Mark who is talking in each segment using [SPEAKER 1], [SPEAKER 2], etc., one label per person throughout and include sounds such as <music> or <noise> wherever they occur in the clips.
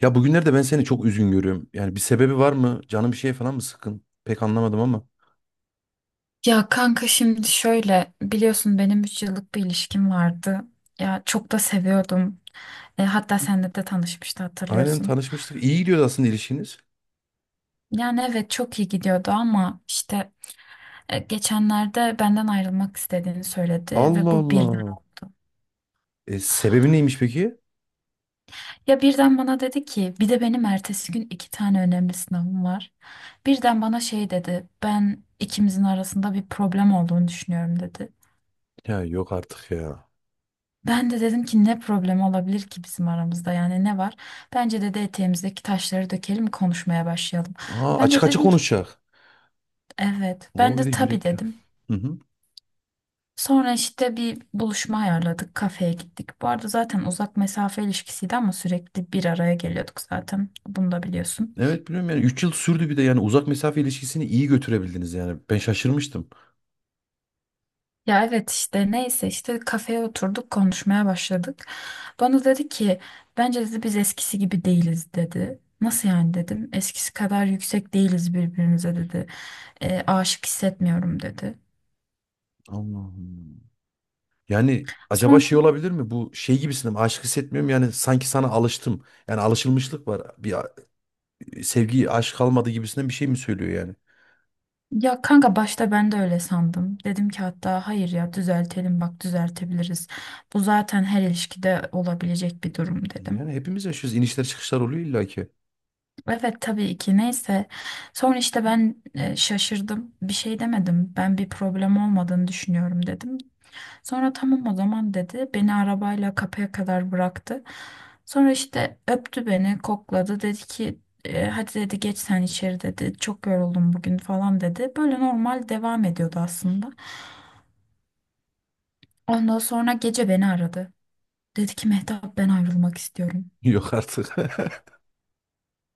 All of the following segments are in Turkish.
[SPEAKER 1] Ya bugünlerde ben seni çok üzgün görüyorum. Yani bir sebebi var mı? Canın bir şeye falan mı sıkın? Pek anlamadım ama.
[SPEAKER 2] Ya kanka, şimdi şöyle, biliyorsun benim 3 yıllık bir ilişkim vardı. Ya çok da seviyordum. Hatta seninle de tanışmıştı,
[SPEAKER 1] Aynen,
[SPEAKER 2] hatırlıyorsun.
[SPEAKER 1] tanışmıştık. İyi gidiyordu aslında ilişkiniz.
[SPEAKER 2] Yani evet, çok iyi gidiyordu ama işte geçenlerde benden ayrılmak istediğini söyledi ve
[SPEAKER 1] Allah
[SPEAKER 2] bu birden
[SPEAKER 1] Allah.
[SPEAKER 2] oldu.
[SPEAKER 1] Sebebi neymiş peki?
[SPEAKER 2] Ya birden bana dedi ki, bir de benim ertesi gün iki tane önemli sınavım var. Birden bana şey dedi, ben ikimizin arasında bir problem olduğunu düşünüyorum dedi.
[SPEAKER 1] Ya yok artık ya.
[SPEAKER 2] Ben de dedim ki ne problem olabilir ki bizim aramızda, yani ne var? Bence dedi, eteğimizdeki taşları dökelim, konuşmaya başlayalım. Ben
[SPEAKER 1] Açık
[SPEAKER 2] de
[SPEAKER 1] açık
[SPEAKER 2] dedim ki
[SPEAKER 1] konuşacak.
[SPEAKER 2] evet, ben
[SPEAKER 1] O bir de
[SPEAKER 2] de tabii
[SPEAKER 1] yürekli.
[SPEAKER 2] dedim.
[SPEAKER 1] Hı hı.
[SPEAKER 2] Sonra işte bir buluşma ayarladık, kafeye gittik. Bu arada zaten uzak mesafe ilişkisiydi ama sürekli bir araya geliyorduk, zaten bunu da biliyorsun.
[SPEAKER 1] Evet biliyorum, yani 3 yıl sürdü, bir de yani uzak mesafe ilişkisini iyi götürebildiniz yani. Ben şaşırmıştım.
[SPEAKER 2] Ya evet, işte neyse, işte kafeye oturduk, konuşmaya başladık. Bana dedi ki bence dedi biz eskisi gibi değiliz dedi. Nasıl yani dedim, eskisi kadar yüksek değiliz birbirimize dedi. Aşık hissetmiyorum dedi.
[SPEAKER 1] Allah'ım. Yani acaba
[SPEAKER 2] Sonra
[SPEAKER 1] şey olabilir mi? Bu şey gibisinden aşk hissetmiyorum yani, sanki sana alıştım. Yani alışılmışlık var. Bir sevgi, aşk kalmadı gibisinden bir şey mi söylüyor yani?
[SPEAKER 2] ya kanka, başta ben de öyle sandım. Dedim ki hatta hayır ya, düzeltelim bak, düzeltebiliriz. Bu zaten her ilişkide olabilecek bir durum dedim.
[SPEAKER 1] Yani hepimiz yaşıyoruz. İnişler çıkışlar oluyor illa ki.
[SPEAKER 2] Evet, tabii ki, neyse. Sonra işte ben şaşırdım. Bir şey demedim. Ben bir problem olmadığını düşünüyorum dedim. Sonra tamam o zaman dedi. Beni arabayla kapıya kadar bıraktı. Sonra işte öptü beni, kokladı. Dedi ki hadi dedi, geç sen içeri dedi. Çok yoruldum bugün falan dedi. Böyle normal devam ediyordu aslında. Ondan sonra gece beni aradı. Dedi ki Mehtap ben ayrılmak istiyorum.
[SPEAKER 1] <laughs> Yok artık.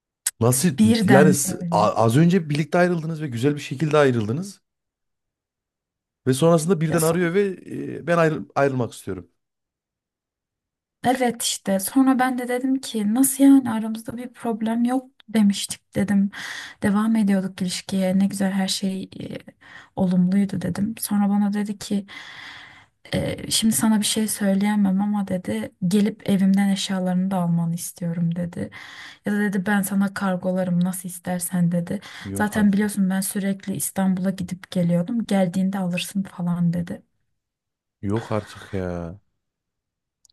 [SPEAKER 1] <laughs> Nasıl yani,
[SPEAKER 2] Birden böyle.
[SPEAKER 1] az önce birlikte ayrıldınız ve güzel bir şekilde ayrıldınız ve sonrasında
[SPEAKER 2] Ya
[SPEAKER 1] birden arıyor ve ben ayrılmak istiyorum.
[SPEAKER 2] evet, işte sonra ben de dedim ki nasıl yani, aramızda bir problem yok demiştik dedim. Devam ediyorduk ilişkiye, ne güzel, her şey olumluydu dedim. Sonra bana dedi ki şimdi sana bir şey söyleyemem ama dedi, gelip evimden eşyalarını da almanı istiyorum dedi. Ya da dedi, ben sana kargolarım, nasıl istersen dedi.
[SPEAKER 1] Yok
[SPEAKER 2] Zaten
[SPEAKER 1] artık.
[SPEAKER 2] biliyorsun, ben sürekli İstanbul'a gidip geliyordum, geldiğinde alırsın falan dedi.
[SPEAKER 1] Yok artık ya.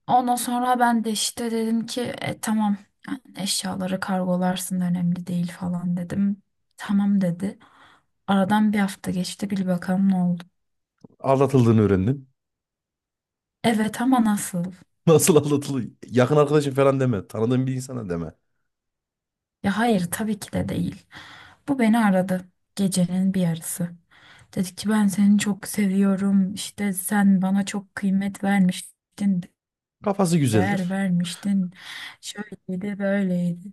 [SPEAKER 2] Ondan sonra ben de işte dedim ki tamam, yani eşyaları kargolarsın, önemli değil falan dedim. Tamam dedi. Aradan bir hafta geçti, bil bakalım ne oldu.
[SPEAKER 1] Aldatıldığını öğrendin.
[SPEAKER 2] Evet, ama nasıl?
[SPEAKER 1] <laughs> Nasıl aldatıldı? Yakın arkadaşın falan deme. Tanıdığın bir insana deme.
[SPEAKER 2] Ya hayır, tabii ki de değil. Bu beni aradı gecenin bir yarısı. Dedi ki ben seni çok seviyorum işte, sen bana çok kıymet vermiştin,
[SPEAKER 1] Kafası
[SPEAKER 2] değer
[SPEAKER 1] güzeldir.
[SPEAKER 2] vermiştin, şöyleydi böyleydi.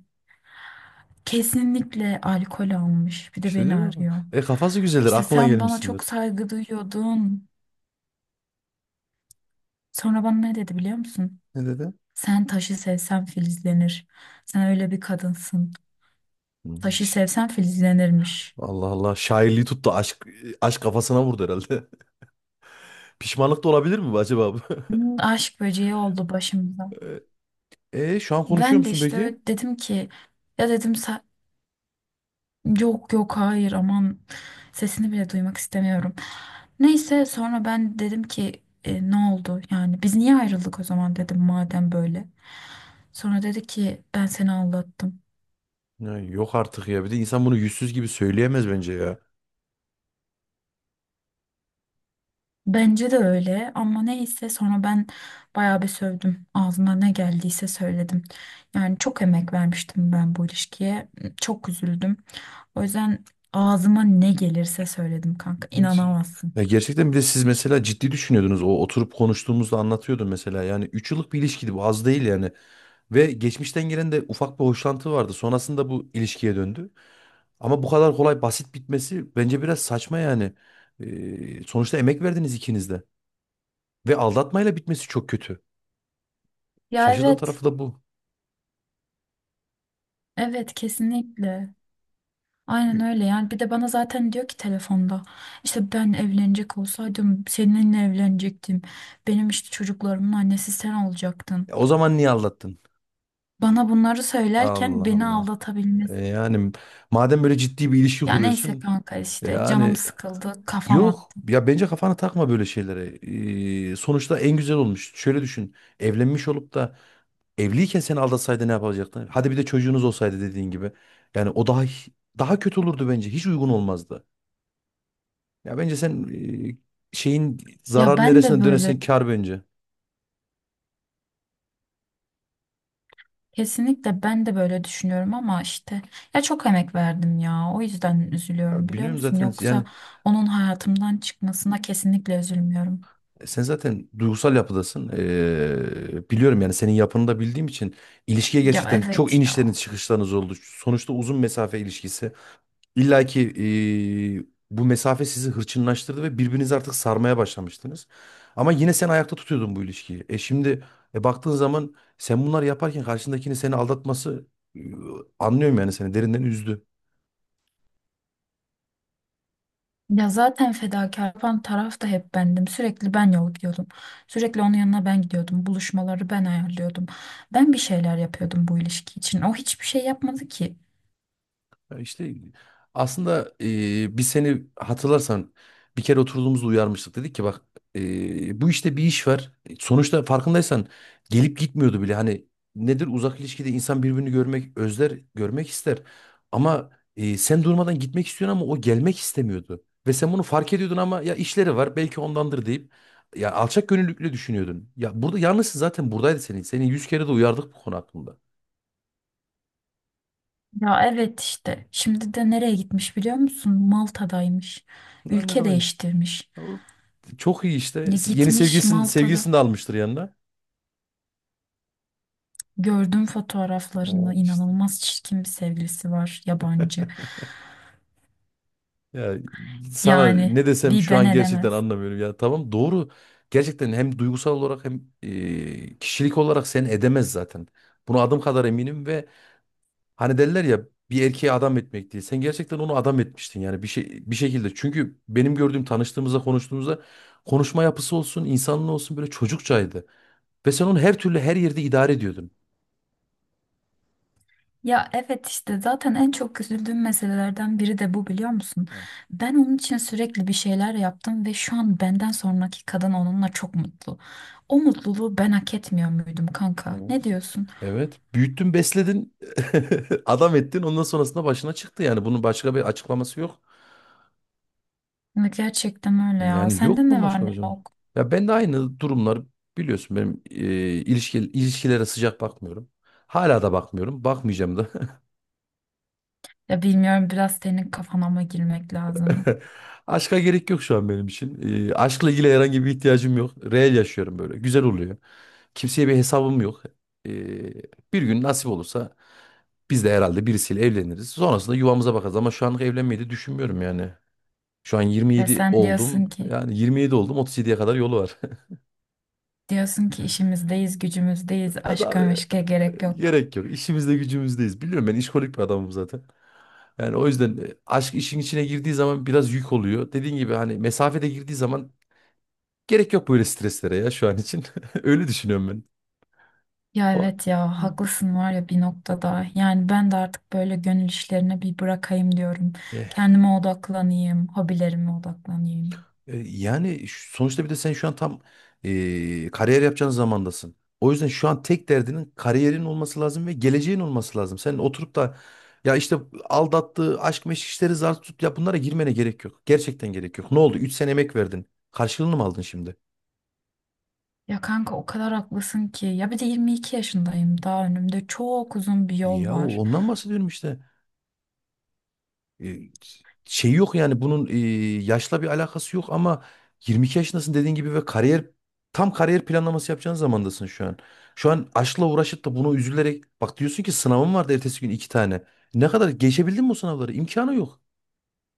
[SPEAKER 2] Kesinlikle alkol almış. Bir de
[SPEAKER 1] İşte
[SPEAKER 2] beni
[SPEAKER 1] diyorum ama,
[SPEAKER 2] arıyor.
[SPEAKER 1] e kafası güzeldir.
[SPEAKER 2] İşte
[SPEAKER 1] Aklına
[SPEAKER 2] sen bana çok
[SPEAKER 1] gelmişsindir.
[SPEAKER 2] saygı duyuyordun. Sonra bana ne dedi biliyor musun?
[SPEAKER 1] Ne dedi?
[SPEAKER 2] Sen taşı sevsen filizlenir. Sen öyle bir kadınsın.
[SPEAKER 1] Hmm.
[SPEAKER 2] Taşı sevsen filizlenirmiş.
[SPEAKER 1] Allah Allah. Şairliği tuttu. Aşk kafasına vurdu herhalde. <laughs> Pişmanlık da olabilir mi bu acaba bu?
[SPEAKER 2] Hmm, aşk böceği oldu başımda.
[SPEAKER 1] <laughs> Şu an konuşuyor
[SPEAKER 2] Ben de
[SPEAKER 1] musun
[SPEAKER 2] işte
[SPEAKER 1] peki?
[SPEAKER 2] öyle dedim ki ya dedim "sa- yok yok, hayır aman, sesini bile duymak istemiyorum. Neyse sonra ben dedim ki ne oldu yani, biz niye ayrıldık o zaman dedim, madem böyle. Sonra dedi ki ben seni aldattım.
[SPEAKER 1] Ya, yok artık ya. Bir de insan bunu yüzsüz gibi söyleyemez bence ya.
[SPEAKER 2] Bence de öyle, ama neyse sonra ben bayağı bir sövdüm. Ağzıma ne geldiyse söyledim. Yani çok emek vermiştim ben bu ilişkiye. Çok üzüldüm. O yüzden ağzıma ne gelirse söyledim kanka.
[SPEAKER 1] Hadi.
[SPEAKER 2] İnanamazsın.
[SPEAKER 1] Ya gerçekten bir de siz mesela ciddi düşünüyordunuz. O oturup konuştuğumuzda anlatıyordun mesela. Yani 3 yıllık bir ilişkiydi bu, az değil yani. Ve geçmişten gelen de ufak bir hoşlantı vardı. Sonrasında bu ilişkiye döndü. Ama bu kadar kolay basit bitmesi bence biraz saçma yani. Sonuçta emek verdiniz ikiniz de. Ve aldatmayla bitmesi çok kötü.
[SPEAKER 2] Ya
[SPEAKER 1] Şaşırdığım
[SPEAKER 2] evet.
[SPEAKER 1] tarafı da bu.
[SPEAKER 2] Evet, kesinlikle. Aynen
[SPEAKER 1] E,
[SPEAKER 2] öyle, yani bir de bana zaten diyor ki telefonda işte ben evlenecek olsaydım seninle evlenecektim. Benim işte çocuklarımın annesi sen olacaktın.
[SPEAKER 1] O zaman niye aldattın?
[SPEAKER 2] Bana bunları
[SPEAKER 1] Allah
[SPEAKER 2] söylerken beni
[SPEAKER 1] Allah.
[SPEAKER 2] aldatabilmesi.
[SPEAKER 1] Yani madem böyle ciddi bir ilişki
[SPEAKER 2] Ya neyse
[SPEAKER 1] kuruyorsun.
[SPEAKER 2] kanka, işte canım
[SPEAKER 1] Yani
[SPEAKER 2] sıkıldı, kafam
[SPEAKER 1] yok.
[SPEAKER 2] attı.
[SPEAKER 1] Ya bence kafana takma böyle şeylere. Sonuçta en güzel olmuş. Şöyle düşün. Evlenmiş olup da evliyken seni aldatsaydı ne yapacaktın? Hadi bir de çocuğunuz olsaydı dediğin gibi. Yani o daha kötü olurdu bence. Hiç uygun olmazdı. Ya bence sen e, şeyin
[SPEAKER 2] Ya
[SPEAKER 1] zarar
[SPEAKER 2] ben de
[SPEAKER 1] neresine
[SPEAKER 2] böyle,
[SPEAKER 1] dönesen kar bence.
[SPEAKER 2] kesinlikle ben de böyle düşünüyorum ama işte ya çok emek verdim ya, o yüzden üzülüyorum,
[SPEAKER 1] Ya
[SPEAKER 2] biliyor
[SPEAKER 1] bilmiyorum
[SPEAKER 2] musun?
[SPEAKER 1] zaten
[SPEAKER 2] Yoksa
[SPEAKER 1] yani.
[SPEAKER 2] onun hayatımdan çıkmasına kesinlikle üzülmüyorum.
[SPEAKER 1] Sen zaten duygusal yapıdasın. Biliyorum yani, senin yapını da bildiğim için ilişkiye
[SPEAKER 2] Ya
[SPEAKER 1] gerçekten çok
[SPEAKER 2] evet
[SPEAKER 1] inişleriniz
[SPEAKER 2] ya.
[SPEAKER 1] çıkışlarınız oldu. Sonuçta uzun mesafe ilişkisi. İlla ki ee, bu mesafe sizi hırçınlaştırdı ve birbirinizi artık sarmaya başlamıştınız. Ama yine sen ayakta tutuyordun bu ilişkiyi. E şimdi baktığın zaman, sen bunları yaparken karşındakinin seni aldatması, e, anlıyorum, yani seni derinden üzdü.
[SPEAKER 2] Ya zaten fedakar yapan taraf da hep bendim. Sürekli ben yol gidiyordum. Sürekli onun yanına ben gidiyordum. Buluşmaları ben ayarlıyordum. Ben bir şeyler yapıyordum bu ilişki için. O hiçbir şey yapmadı ki.
[SPEAKER 1] Ya İşte aslında biz seni hatırlarsan bir kere oturduğumuzda uyarmıştık. Dedik ki bak, bu işte bir iş var. Sonuçta farkındaysan gelip gitmiyordu bile. Hani nedir, uzak ilişkide insan birbirini görmek, özler, görmek ister. Ama sen durmadan gitmek istiyorsun ama o gelmek istemiyordu. Ve sen bunu fark ediyordun ama ya işleri var belki ondandır deyip ya alçak gönüllülükle düşünüyordun. Ya burada yalnızsın, zaten buradaydı senin. Seni 100 kere de uyardık bu konu hakkında.
[SPEAKER 2] Ya evet işte. Şimdi de nereye gitmiş biliyor musun? Malta'daymış.
[SPEAKER 1] Daha ne
[SPEAKER 2] Ülke
[SPEAKER 1] kadar.
[SPEAKER 2] değiştirmiş.
[SPEAKER 1] O. Çok iyi işte.
[SPEAKER 2] Ya
[SPEAKER 1] Yeni
[SPEAKER 2] gitmiş
[SPEAKER 1] sevgilisini,
[SPEAKER 2] Malta'da.
[SPEAKER 1] sevgilisini de almıştır yanına.
[SPEAKER 2] Gördüm fotoğraflarını.
[SPEAKER 1] İşte.
[SPEAKER 2] İnanılmaz çirkin bir sevgilisi var. Yabancı.
[SPEAKER 1] Ya sana
[SPEAKER 2] Yani
[SPEAKER 1] ne desem
[SPEAKER 2] bir
[SPEAKER 1] şu
[SPEAKER 2] ben
[SPEAKER 1] an gerçekten
[SPEAKER 2] edemez.
[SPEAKER 1] anlamıyorum. Ya tamam, doğru. Gerçekten hem duygusal olarak hem kişilik olarak seni edemez zaten. Buna adım kadar eminim ve hani derler ya, bir erkeğe adam etmek diye. Sen gerçekten onu adam etmiştin yani bir şey bir şekilde. Çünkü benim gördüğüm, tanıştığımızda konuştuğumuzda, konuşma yapısı olsun, insanlığı olsun böyle çocukçaydı. Ve sen onu her türlü her yerde idare ediyordun.
[SPEAKER 2] Ya evet işte, zaten en çok üzüldüğüm meselelerden biri de bu, biliyor musun? Ben onun için sürekli bir şeyler yaptım ve şu an benden sonraki kadın onunla çok mutlu. O mutluluğu ben hak etmiyor muydum kanka? Ne
[SPEAKER 1] Evet.
[SPEAKER 2] diyorsun?
[SPEAKER 1] Evet. Büyüttün, besledin, <laughs> adam ettin. Ondan sonrasında başına çıktı yani. Bunun başka bir açıklaması yok.
[SPEAKER 2] Ya gerçekten öyle ya.
[SPEAKER 1] Yani yok
[SPEAKER 2] Sende
[SPEAKER 1] bunun
[SPEAKER 2] ne
[SPEAKER 1] başka
[SPEAKER 2] var
[SPEAKER 1] bir
[SPEAKER 2] ne
[SPEAKER 1] açıklaması.
[SPEAKER 2] yok?
[SPEAKER 1] Ya ben de aynı durumlar, biliyorsun benim ilişkilere sıcak bakmıyorum. Hala da bakmıyorum. Bakmayacağım da. <laughs>
[SPEAKER 2] Ya bilmiyorum, biraz senin kafana mı girmek lazım?
[SPEAKER 1] <laughs> Aşka gerek yok şu an benim için. Aşkla ilgili herhangi bir ihtiyacım yok. Reel yaşıyorum böyle. Güzel oluyor. Kimseye bir hesabım yok. Ee, Bir gün nasip olursa biz de herhalde birisiyle evleniriz. Sonrasında yuvamıza bakarız ama şu anlık evlenmeyi de düşünmüyorum yani. Şu an
[SPEAKER 2] Ya
[SPEAKER 1] 27
[SPEAKER 2] sen
[SPEAKER 1] oldum.
[SPEAKER 2] diyorsun ki
[SPEAKER 1] Yani 27 oldum, 37'ye kadar yolu var. <laughs>
[SPEAKER 2] işimizdeyiz, gücümüzdeyiz,
[SPEAKER 1] Evet abi,
[SPEAKER 2] aşka meşke gerek yok.
[SPEAKER 1] gerek yok. İşimizde gücümüzdeyiz. Biliyorum, ben işkolik bir adamım zaten. Yani o yüzden aşk işin içine girdiği zaman biraz yük oluyor. Dediğin gibi, hani mesafede girdiği zaman. Gerek yok böyle streslere ya şu an için. <laughs> Öyle düşünüyorum ben.
[SPEAKER 2] Ya
[SPEAKER 1] Ama
[SPEAKER 2] evet ya, haklısın var ya bir noktada. Yani ben de artık böyle gönül işlerine bir bırakayım diyorum.
[SPEAKER 1] e,
[SPEAKER 2] Kendime odaklanayım, hobilerime odaklanayım.
[SPEAKER 1] yani sonuçta bir de sen şu an tam kariyer yapacağın zamandasın. O yüzden şu an tek derdinin kariyerin olması lazım ve geleceğin olması lazım. Sen oturup da ya işte aldattığı aşk meşk işleri zar tut ya, bunlara girmene gerek yok. Gerçekten gerek yok. Ne oldu? 3 sene emek verdin. Karşılığını mı aldın şimdi?
[SPEAKER 2] Ya kanka o kadar haklısın ki. Ya bir de 22 yaşındayım. Daha önümde çok uzun bir yol
[SPEAKER 1] Ya
[SPEAKER 2] var.
[SPEAKER 1] ondan bahsediyorum işte. E, Şey yok yani, bunun yaşla bir alakası yok ama 22 yaşındasın dediğin gibi ve tam kariyer planlaması yapacağın zamandasın şu an. Şu an aşkla uğraşıp da bunu üzülerek bak, diyorsun ki sınavım vardı ertesi gün 2 tane. Ne kadar geçebildin mi o sınavları? İmkanı yok.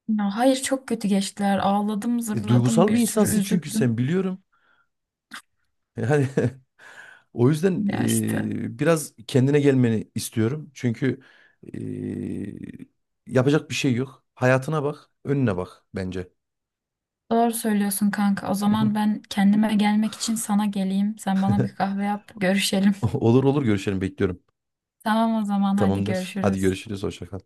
[SPEAKER 2] Ya hayır, çok kötü geçtiler. Ağladım, zırladım,
[SPEAKER 1] Duygusal
[SPEAKER 2] bir
[SPEAKER 1] bir
[SPEAKER 2] sürü
[SPEAKER 1] insansın çünkü
[SPEAKER 2] üzüldüm.
[SPEAKER 1] sen, biliyorum. Yani <laughs> o yüzden
[SPEAKER 2] Ya işte.
[SPEAKER 1] biraz kendine gelmeni istiyorum. Çünkü e, yapacak bir şey yok. Hayatına bak, önüne bak bence.
[SPEAKER 2] Doğru söylüyorsun kanka. O zaman
[SPEAKER 1] <laughs>
[SPEAKER 2] ben kendime gelmek için sana geleyim. Sen bana bir kahve yap, görüşelim.
[SPEAKER 1] Olur olur, görüşelim, bekliyorum.
[SPEAKER 2] <laughs> Tamam o zaman, hadi
[SPEAKER 1] Tamamdır. Hadi
[SPEAKER 2] görüşürüz.
[SPEAKER 1] görüşürüz. Hoşça kal.